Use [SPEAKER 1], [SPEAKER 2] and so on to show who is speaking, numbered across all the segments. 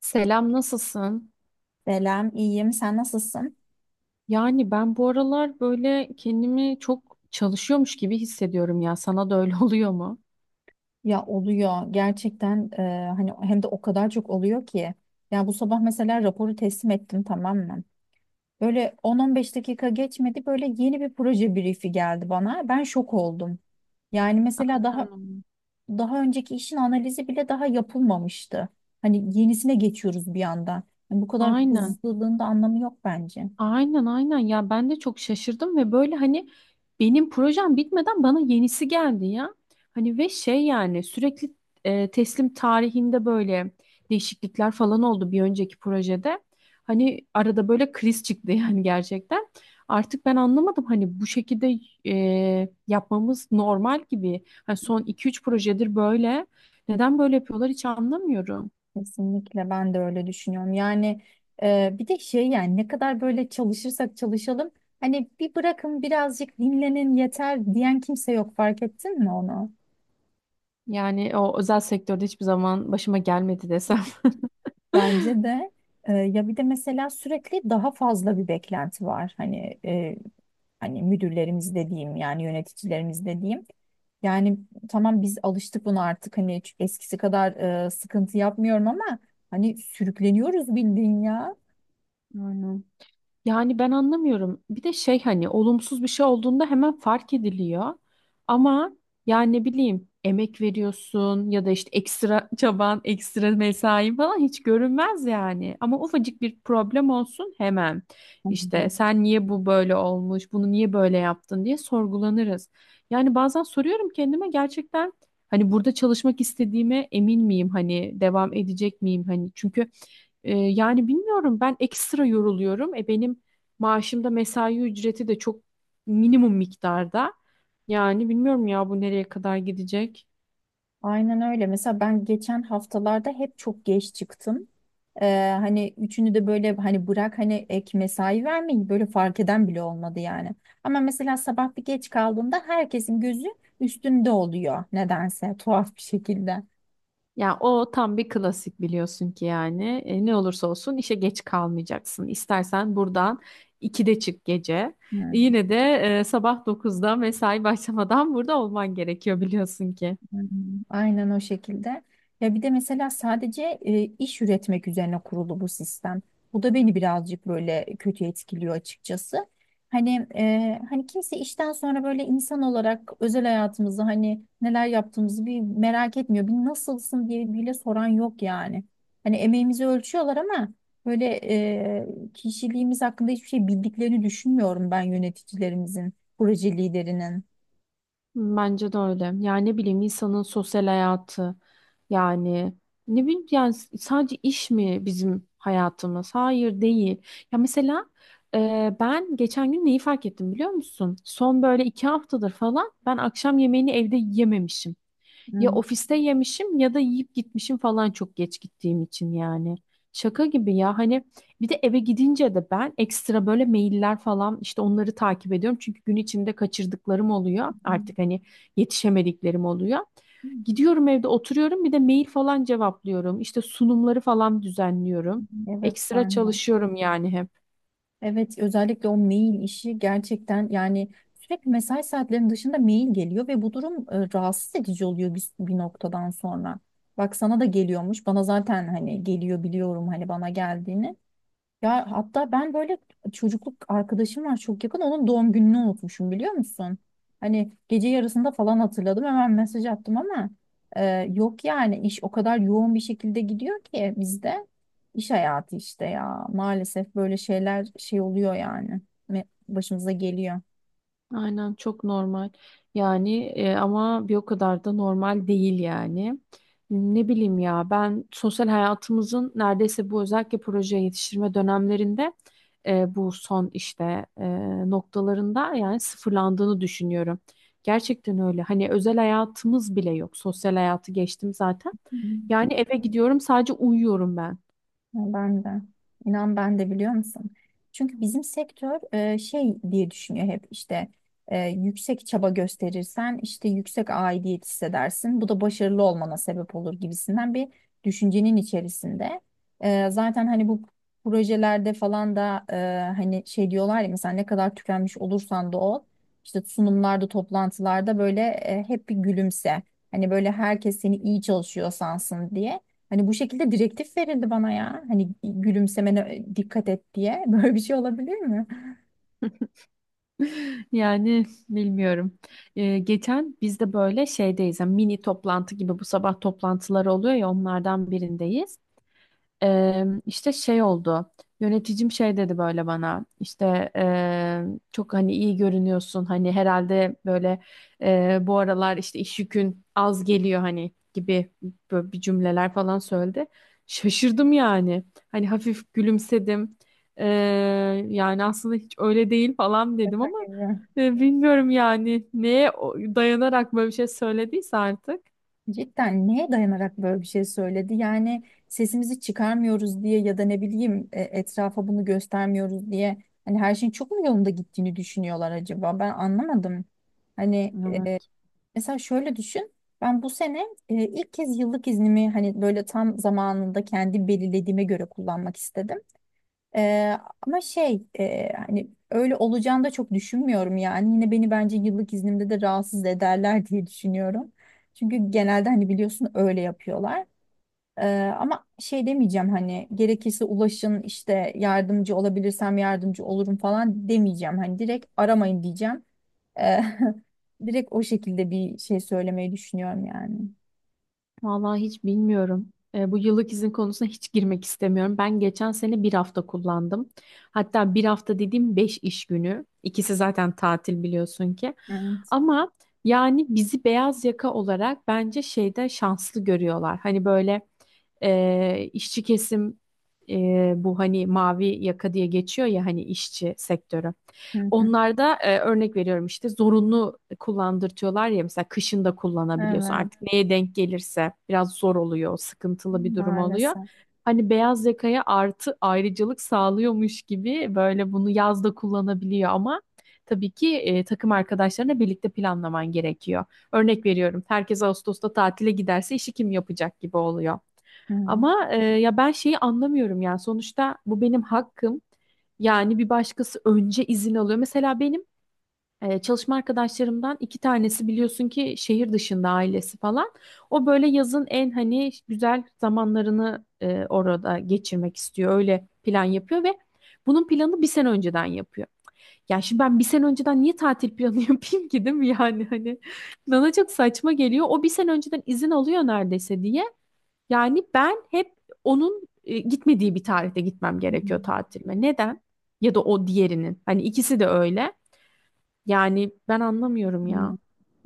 [SPEAKER 1] Selam, nasılsın?
[SPEAKER 2] Selam, iyiyim. Sen nasılsın?
[SPEAKER 1] Yani ben bu aralar böyle kendimi çok çalışıyormuş gibi hissediyorum ya. Sana da öyle oluyor mu?
[SPEAKER 2] Ya oluyor gerçekten hani hem de o kadar çok oluyor ki. Ya bu sabah mesela raporu teslim ettim tamam mı? Böyle 10-15 dakika geçmedi böyle yeni bir proje briefi geldi bana. Ben şok oldum. Yani mesela daha
[SPEAKER 1] Canım.
[SPEAKER 2] daha önceki işin analizi bile daha yapılmamıştı. Hani yenisine geçiyoruz bir anda. Bu kadar
[SPEAKER 1] Aynen.
[SPEAKER 2] hızlılığın da anlamı yok bence.
[SPEAKER 1] Aynen aynen ya ben de çok şaşırdım ve böyle hani benim projem bitmeden bana yenisi geldi ya. Hani ve şey yani sürekli teslim tarihinde böyle değişiklikler falan oldu bir önceki projede. Hani arada böyle kriz çıktı yani gerçekten. Artık ben anlamadım hani bu şekilde yapmamız normal gibi. Hani son iki üç projedir böyle. Neden böyle yapıyorlar hiç anlamıyorum.
[SPEAKER 2] Kesinlikle ben de öyle düşünüyorum. Yani bir de şey yani ne kadar böyle çalışırsak çalışalım hani bir bırakın birazcık dinlenin yeter diyen kimse yok fark ettin mi onu?
[SPEAKER 1] Yani o özel sektörde hiçbir zaman başıma gelmedi desem.
[SPEAKER 2] Bence de ya bir de mesela sürekli daha fazla bir beklenti var. Hani hani müdürlerimiz dediğim yani yöneticilerimiz dediğim. Yani tamam biz alıştık buna artık hani hiç eskisi kadar sıkıntı yapmıyorum ama hani sürükleniyoruz bildiğin ya.
[SPEAKER 1] Aynen. Yani ben anlamıyorum. Bir de şey hani olumsuz bir şey olduğunda hemen fark ediliyor. Ama yani ne bileyim emek veriyorsun ya da işte ekstra çaban, ekstra mesain falan hiç görünmez yani. Ama ufacık bir problem olsun hemen işte sen niye bu böyle olmuş, bunu niye böyle yaptın diye sorgulanırız. Yani bazen soruyorum kendime gerçekten hani burada çalışmak istediğime emin miyim? Hani devam edecek miyim? Hani çünkü yani bilmiyorum ben ekstra yoruluyorum. E benim maaşımda mesai ücreti de çok minimum miktarda. Yani bilmiyorum ya bu nereye kadar gidecek.
[SPEAKER 2] Aynen öyle. Mesela ben geçen haftalarda hep çok geç çıktım. Hani üçünü de böyle hani bırak hani ek mesai vermeyin böyle fark eden bile olmadı yani. Ama mesela sabah bir geç kaldığımda herkesin gözü üstünde oluyor nedense tuhaf bir şekilde.
[SPEAKER 1] Ya o tam bir klasik biliyorsun ki yani. E, ne olursa olsun işe geç kalmayacaksın. İstersen buradan 2'de çık gece.
[SPEAKER 2] Hı.
[SPEAKER 1] Yine de sabah dokuzda mesai başlamadan burada olman gerekiyor biliyorsun ki.
[SPEAKER 2] Hmm. Aynen o şekilde. Ya bir de mesela sadece iş üretmek üzerine kurulu bu sistem. Bu da beni birazcık böyle kötü etkiliyor açıkçası. Hani hani kimse işten sonra böyle insan olarak özel hayatımızı hani neler yaptığımızı bir merak etmiyor. Bir nasılsın diye bile soran yok yani. Hani emeğimizi ölçüyorlar ama böyle kişiliğimiz hakkında hiçbir şey bildiklerini düşünmüyorum ben yöneticilerimizin, proje liderinin.
[SPEAKER 1] Bence de öyle. Yani ne bileyim insanın sosyal hayatı yani ne bileyim yani sadece iş mi bizim hayatımız? Hayır değil. Ya mesela ben geçen gün neyi fark ettim biliyor musun? Son böyle iki haftadır falan ben akşam yemeğini evde yememişim. Ya
[SPEAKER 2] Hmm.
[SPEAKER 1] ofiste yemişim ya da yiyip gitmişim falan çok geç gittiğim için yani. Şaka gibi ya hani bir de eve gidince de ben ekstra böyle mailler falan işte onları takip ediyorum. Çünkü gün içinde kaçırdıklarım oluyor artık hani yetişemediklerim oluyor. Gidiyorum evde oturuyorum bir de mail falan cevaplıyorum. İşte sunumları falan düzenliyorum.
[SPEAKER 2] Evet
[SPEAKER 1] Ekstra
[SPEAKER 2] ben de.
[SPEAKER 1] çalışıyorum yani hep.
[SPEAKER 2] Evet, özellikle o mail işi gerçekten yani sürekli mesai saatlerinin dışında mail geliyor ve bu durum rahatsız edici oluyor bir noktadan sonra. Bak sana da geliyormuş. Bana zaten hani geliyor biliyorum hani bana geldiğini. Ya hatta ben böyle çocukluk arkadaşım var çok yakın onun doğum gününü unutmuşum biliyor musun? Hani gece yarısında falan hatırladım hemen mesaj attım ama e, yok yani iş o kadar yoğun bir şekilde gidiyor ki bizde iş hayatı işte ya maalesef böyle şeyler şey oluyor yani başımıza geliyor.
[SPEAKER 1] Aynen çok normal. Yani ama bir o kadar da normal değil yani. Ne bileyim ya ben sosyal hayatımızın neredeyse bu özellikle proje yetiştirme dönemlerinde bu son işte noktalarında yani sıfırlandığını düşünüyorum. Gerçekten öyle. Hani özel hayatımız bile yok. Sosyal hayatı geçtim zaten.
[SPEAKER 2] Hı.
[SPEAKER 1] Yani eve gidiyorum sadece uyuyorum ben.
[SPEAKER 2] Ya ben de. İnan ben de biliyor musun? Çünkü bizim sektör şey diye düşünüyor hep işte yüksek çaba gösterirsen işte yüksek aidiyet hissedersin. Bu da başarılı olmana sebep olur gibisinden bir düşüncenin içerisinde. Zaten hani bu projelerde falan da hani şey diyorlar ya mesela ne kadar tükenmiş olursan da ol işte sunumlarda toplantılarda böyle hep bir gülümse. Hani böyle herkes seni iyi çalışıyor sansın diye. Hani bu şekilde direktif verildi bana ya. Hani gülümsemene dikkat et diye. Böyle bir şey olabilir mi?
[SPEAKER 1] Yani bilmiyorum. Geçen biz de böyle şeydeyiz. Yani mini toplantı gibi bu sabah toplantıları oluyor ya onlardan birindeyiz. İşte şey oldu. Yöneticim şey dedi böyle bana. İşte çok hani iyi görünüyorsun. Hani herhalde böyle bu aralar işte iş yükün az geliyor hani gibi böyle bir cümleler falan söyledi. Şaşırdım yani. Hani hafif gülümsedim. Eee, Yani aslında hiç öyle değil falan dedim ama
[SPEAKER 2] Kadir.
[SPEAKER 1] bilmiyorum yani neye dayanarak böyle bir şey söylediyse artık.
[SPEAKER 2] Cidden neye dayanarak böyle bir şey söyledi? Yani sesimizi çıkarmıyoruz diye ya da ne bileyim etrafa bunu göstermiyoruz diye. Hani her şeyin çok mu yolunda gittiğini düşünüyorlar acaba? Ben anlamadım. Hani
[SPEAKER 1] Evet.
[SPEAKER 2] mesela şöyle düşün. Ben bu sene ilk kez yıllık iznimi hani böyle tam zamanında kendi belirlediğime göre kullanmak istedim. Ama şey hani öyle olacağını da çok düşünmüyorum yani. Yine beni bence yıllık iznimde de rahatsız ederler diye düşünüyorum. Çünkü genelde hani biliyorsun öyle yapıyorlar. Ee, ama şey demeyeceğim hani gerekirse ulaşın işte yardımcı olabilirsem yardımcı olurum falan demeyeceğim. Hani direkt aramayın diyeceğim. Ee, Direkt o şekilde bir şey söylemeyi düşünüyorum yani.
[SPEAKER 1] Vallahi hiç bilmiyorum. E, bu yıllık izin konusuna hiç girmek istemiyorum. Ben geçen sene bir hafta kullandım. Hatta bir hafta dediğim beş iş günü. İkisi zaten tatil biliyorsun ki.
[SPEAKER 2] Evet.
[SPEAKER 1] Ama yani bizi beyaz yaka olarak bence şeyde şanslı görüyorlar. Hani böyle işçi kesim bu hani mavi yaka diye geçiyor ya hani işçi sektörü.
[SPEAKER 2] Hı hı.
[SPEAKER 1] Onlarda örnek veriyorum işte zorunlu kullandırtıyorlar ya mesela kışın da kullanabiliyorsun.
[SPEAKER 2] Evet.
[SPEAKER 1] Artık neye denk gelirse biraz zor oluyor, sıkıntılı bir durum oluyor.
[SPEAKER 2] Maalesef.
[SPEAKER 1] Hani beyaz yakaya artı ayrıcalık sağlıyormuş gibi böyle bunu yazda kullanabiliyor ama tabii ki takım arkadaşlarına birlikte planlaman gerekiyor. Örnek veriyorum herkes Ağustos'ta tatile giderse işi kim yapacak gibi oluyor.
[SPEAKER 2] Hı hı.
[SPEAKER 1] Ama ya ben şeyi anlamıyorum yani sonuçta bu benim hakkım. Yani bir başkası önce izin alıyor. Mesela benim çalışma arkadaşlarımdan iki tanesi biliyorsun ki şehir dışında ailesi falan. O böyle yazın en hani güzel zamanlarını orada geçirmek istiyor. Öyle plan yapıyor ve bunun planı bir sene önceden yapıyor. Ya şimdi ben bir sene önceden niye tatil planı yapayım ki değil mi yani hani bana çok saçma geliyor. O bir sene önceden izin alıyor neredeyse diye. Yani ben hep onun gitmediği bir tarihte gitmem
[SPEAKER 2] Hı hı.
[SPEAKER 1] gerekiyor tatilime. Neden? Ya da o diğerinin. Hani ikisi de öyle. Yani ben anlamıyorum
[SPEAKER 2] Hmm.
[SPEAKER 1] ya.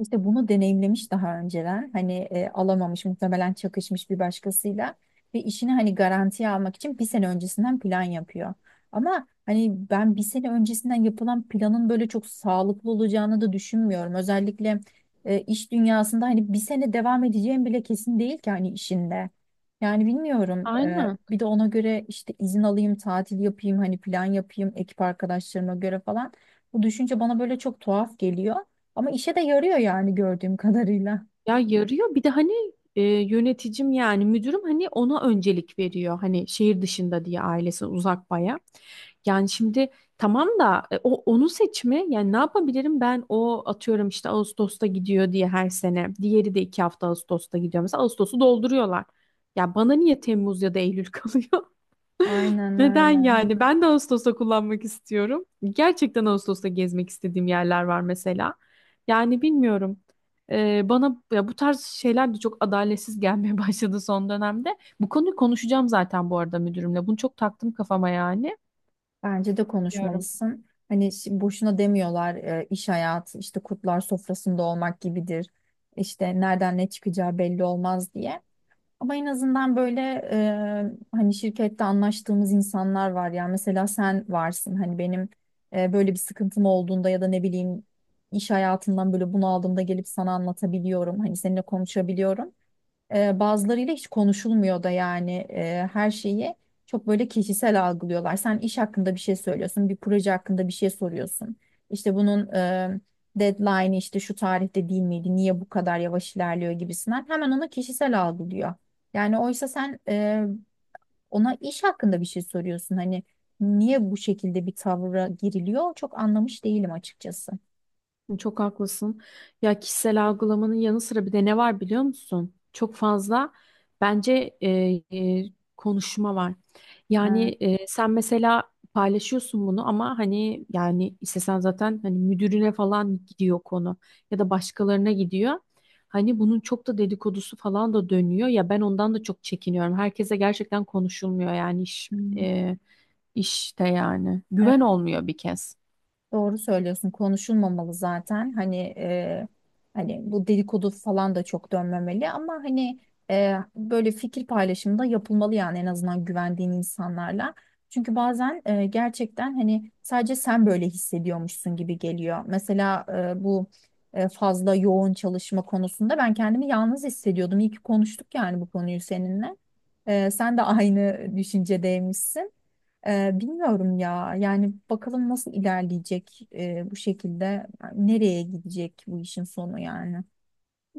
[SPEAKER 2] İşte bunu deneyimlemiş daha önceler. Hani alamamış muhtemelen çakışmış bir başkasıyla ve işini hani garantiye almak için bir sene öncesinden plan yapıyor. Ama hani ben bir sene öncesinden yapılan planın böyle çok sağlıklı olacağını da düşünmüyorum. Özellikle iş dünyasında hani bir sene devam edeceğim bile kesin değil ki hani işinde. Yani bilmiyorum. e,
[SPEAKER 1] Aynen.
[SPEAKER 2] bir de ona göre işte izin alayım, tatil yapayım, hani plan yapayım ekip arkadaşlarıma göre falan. Bu düşünce bana böyle çok tuhaf geliyor. Ama işe de yarıyor yani gördüğüm kadarıyla.
[SPEAKER 1] Ya yarıyor. Bir de hani yöneticim yani müdürüm hani ona öncelik veriyor. Hani şehir dışında diye ailesi uzak baya. Yani şimdi tamam da o onu seçme. Yani ne yapabilirim ben o atıyorum işte Ağustos'ta gidiyor diye her sene. Diğeri de iki hafta Ağustos'ta gidiyor. Mesela Ağustos'u dolduruyorlar. Ya bana niye Temmuz ya da Eylül kalıyor?
[SPEAKER 2] Aynen
[SPEAKER 1] Neden
[SPEAKER 2] öyle.
[SPEAKER 1] yani? Ben de Ağustos'ta kullanmak istiyorum. Gerçekten Ağustos'ta gezmek istediğim yerler var mesela. Yani bilmiyorum. Bana ya bu tarz şeyler de çok adaletsiz gelmeye başladı son dönemde. Bu konuyu konuşacağım zaten bu arada müdürümle. Bunu çok taktım kafama yani.
[SPEAKER 2] Bence de
[SPEAKER 1] Bilmiyorum.
[SPEAKER 2] konuşmalısın. Hani boşuna demiyorlar iş hayatı işte kurtlar sofrasında olmak gibidir. İşte nereden ne çıkacağı belli olmaz diye. Ama en azından böyle hani şirkette anlaştığımız insanlar var ya mesela sen varsın hani benim böyle bir sıkıntım olduğunda ya da ne bileyim iş hayatından böyle bunaldığımda gelip sana anlatabiliyorum hani seninle konuşabiliyorum. Bazılarıyla hiç konuşulmuyor da yani her şeyi çok böyle kişisel algılıyorlar. Sen iş hakkında bir şey söylüyorsun, bir proje hakkında bir şey soruyorsun. İşte bunun deadline'ı işte şu tarihte değil miydi, niye bu kadar yavaş ilerliyor gibisinden hemen ona kişisel algılıyor. Yani oysa sen ona iş hakkında bir şey soruyorsun. Hani niye bu şekilde bir tavra giriliyor çok anlamış değilim açıkçası.
[SPEAKER 1] Çok haklısın. Ya kişisel algılamanın yanı sıra bir de ne var biliyor musun? Çok fazla bence e, konuşma var. Yani
[SPEAKER 2] Ha,
[SPEAKER 1] sen mesela paylaşıyorsun bunu ama hani yani istesen zaten hani müdürüne falan gidiyor konu ya da başkalarına gidiyor. Hani bunun çok da dedikodusu falan da dönüyor. Ya ben ondan da çok çekiniyorum. Herkese gerçekten konuşulmuyor yani iş
[SPEAKER 2] hmm.
[SPEAKER 1] işte yani güven
[SPEAKER 2] Evet.
[SPEAKER 1] olmuyor bir kez.
[SPEAKER 2] Doğru söylüyorsun. Konuşulmamalı zaten. Hani hani bu dedikodu falan da çok dönmemeli ama hani böyle fikir paylaşımı da yapılmalı yani en azından güvendiğin insanlarla. Çünkü bazen gerçekten hani sadece sen böyle hissediyormuşsun gibi geliyor. Mesela bu fazla yoğun çalışma konusunda ben kendimi yalnız hissediyordum. İyi ki konuştuk yani bu konuyu seninle. Sen de aynı düşüncedeymişsin. Bilmiyorum ya. Yani bakalım nasıl ilerleyecek bu şekilde. Yani nereye gidecek bu işin sonu yani.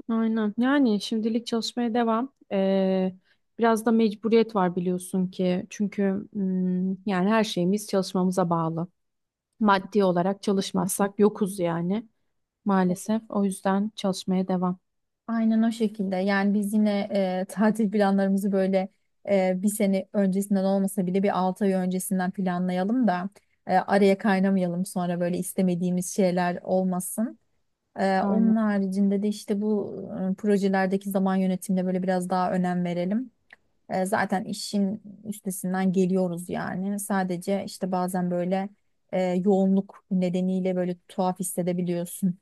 [SPEAKER 1] Aynen. Yani şimdilik çalışmaya devam. Biraz da mecburiyet var biliyorsun ki. Çünkü yani her şeyimiz çalışmamıza bağlı. Maddi olarak çalışmazsak yokuz yani maalesef. O yüzden çalışmaya devam.
[SPEAKER 2] Aynen o şekilde. Yani biz yine tatil planlarımızı böyle bir sene öncesinden olmasa bile bir 6 ay öncesinden planlayalım da araya kaynamayalım sonra böyle istemediğimiz şeyler olmasın. Ee,
[SPEAKER 1] Aynen.
[SPEAKER 2] onun haricinde de işte bu projelerdeki zaman yönetimine böyle biraz daha önem verelim. Zaten işin üstesinden geliyoruz yani. Sadece işte bazen böyle yoğunluk nedeniyle böyle tuhaf hissedebiliyorsun.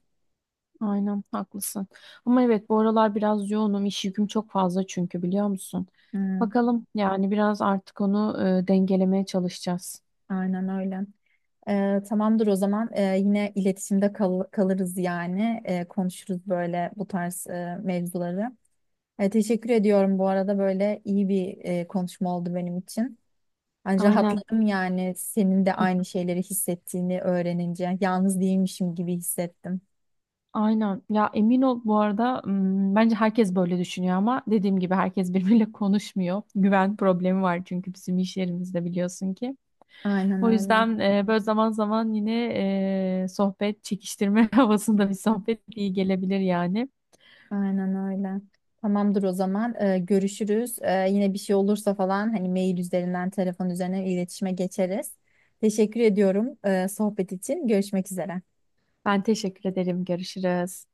[SPEAKER 1] Aynen haklısın. Ama evet bu aralar biraz yoğunum. İş yüküm çok fazla çünkü biliyor musun?
[SPEAKER 2] Hmm,
[SPEAKER 1] Bakalım yani biraz artık onu dengelemeye çalışacağız.
[SPEAKER 2] aynen öyle. Tamamdır o zaman. Yine iletişimde kalırız yani. Konuşuruz böyle bu tarz mevzuları. Teşekkür ediyorum bu arada böyle iyi bir konuşma oldu benim için. Yani
[SPEAKER 1] Aynen.
[SPEAKER 2] rahatladım yani senin de aynı şeyleri hissettiğini öğrenince. Yalnız değilmişim gibi hissettim.
[SPEAKER 1] Aynen. Ya emin ol bu arada bence herkes böyle düşünüyor ama dediğim gibi herkes birbiriyle konuşmuyor. Güven problemi var çünkü bizim iş yerimizde biliyorsun ki.
[SPEAKER 2] Aynen
[SPEAKER 1] O
[SPEAKER 2] öyle.
[SPEAKER 1] yüzden böyle zaman zaman yine sohbet çekiştirme havasında bir sohbet iyi gelebilir yani.
[SPEAKER 2] Aynen öyle. Tamamdır o zaman. Görüşürüz. Yine bir şey olursa falan hani mail üzerinden, telefon üzerinden iletişime geçeriz. Teşekkür ediyorum, sohbet için. Görüşmek üzere.
[SPEAKER 1] Ben teşekkür ederim. Görüşürüz.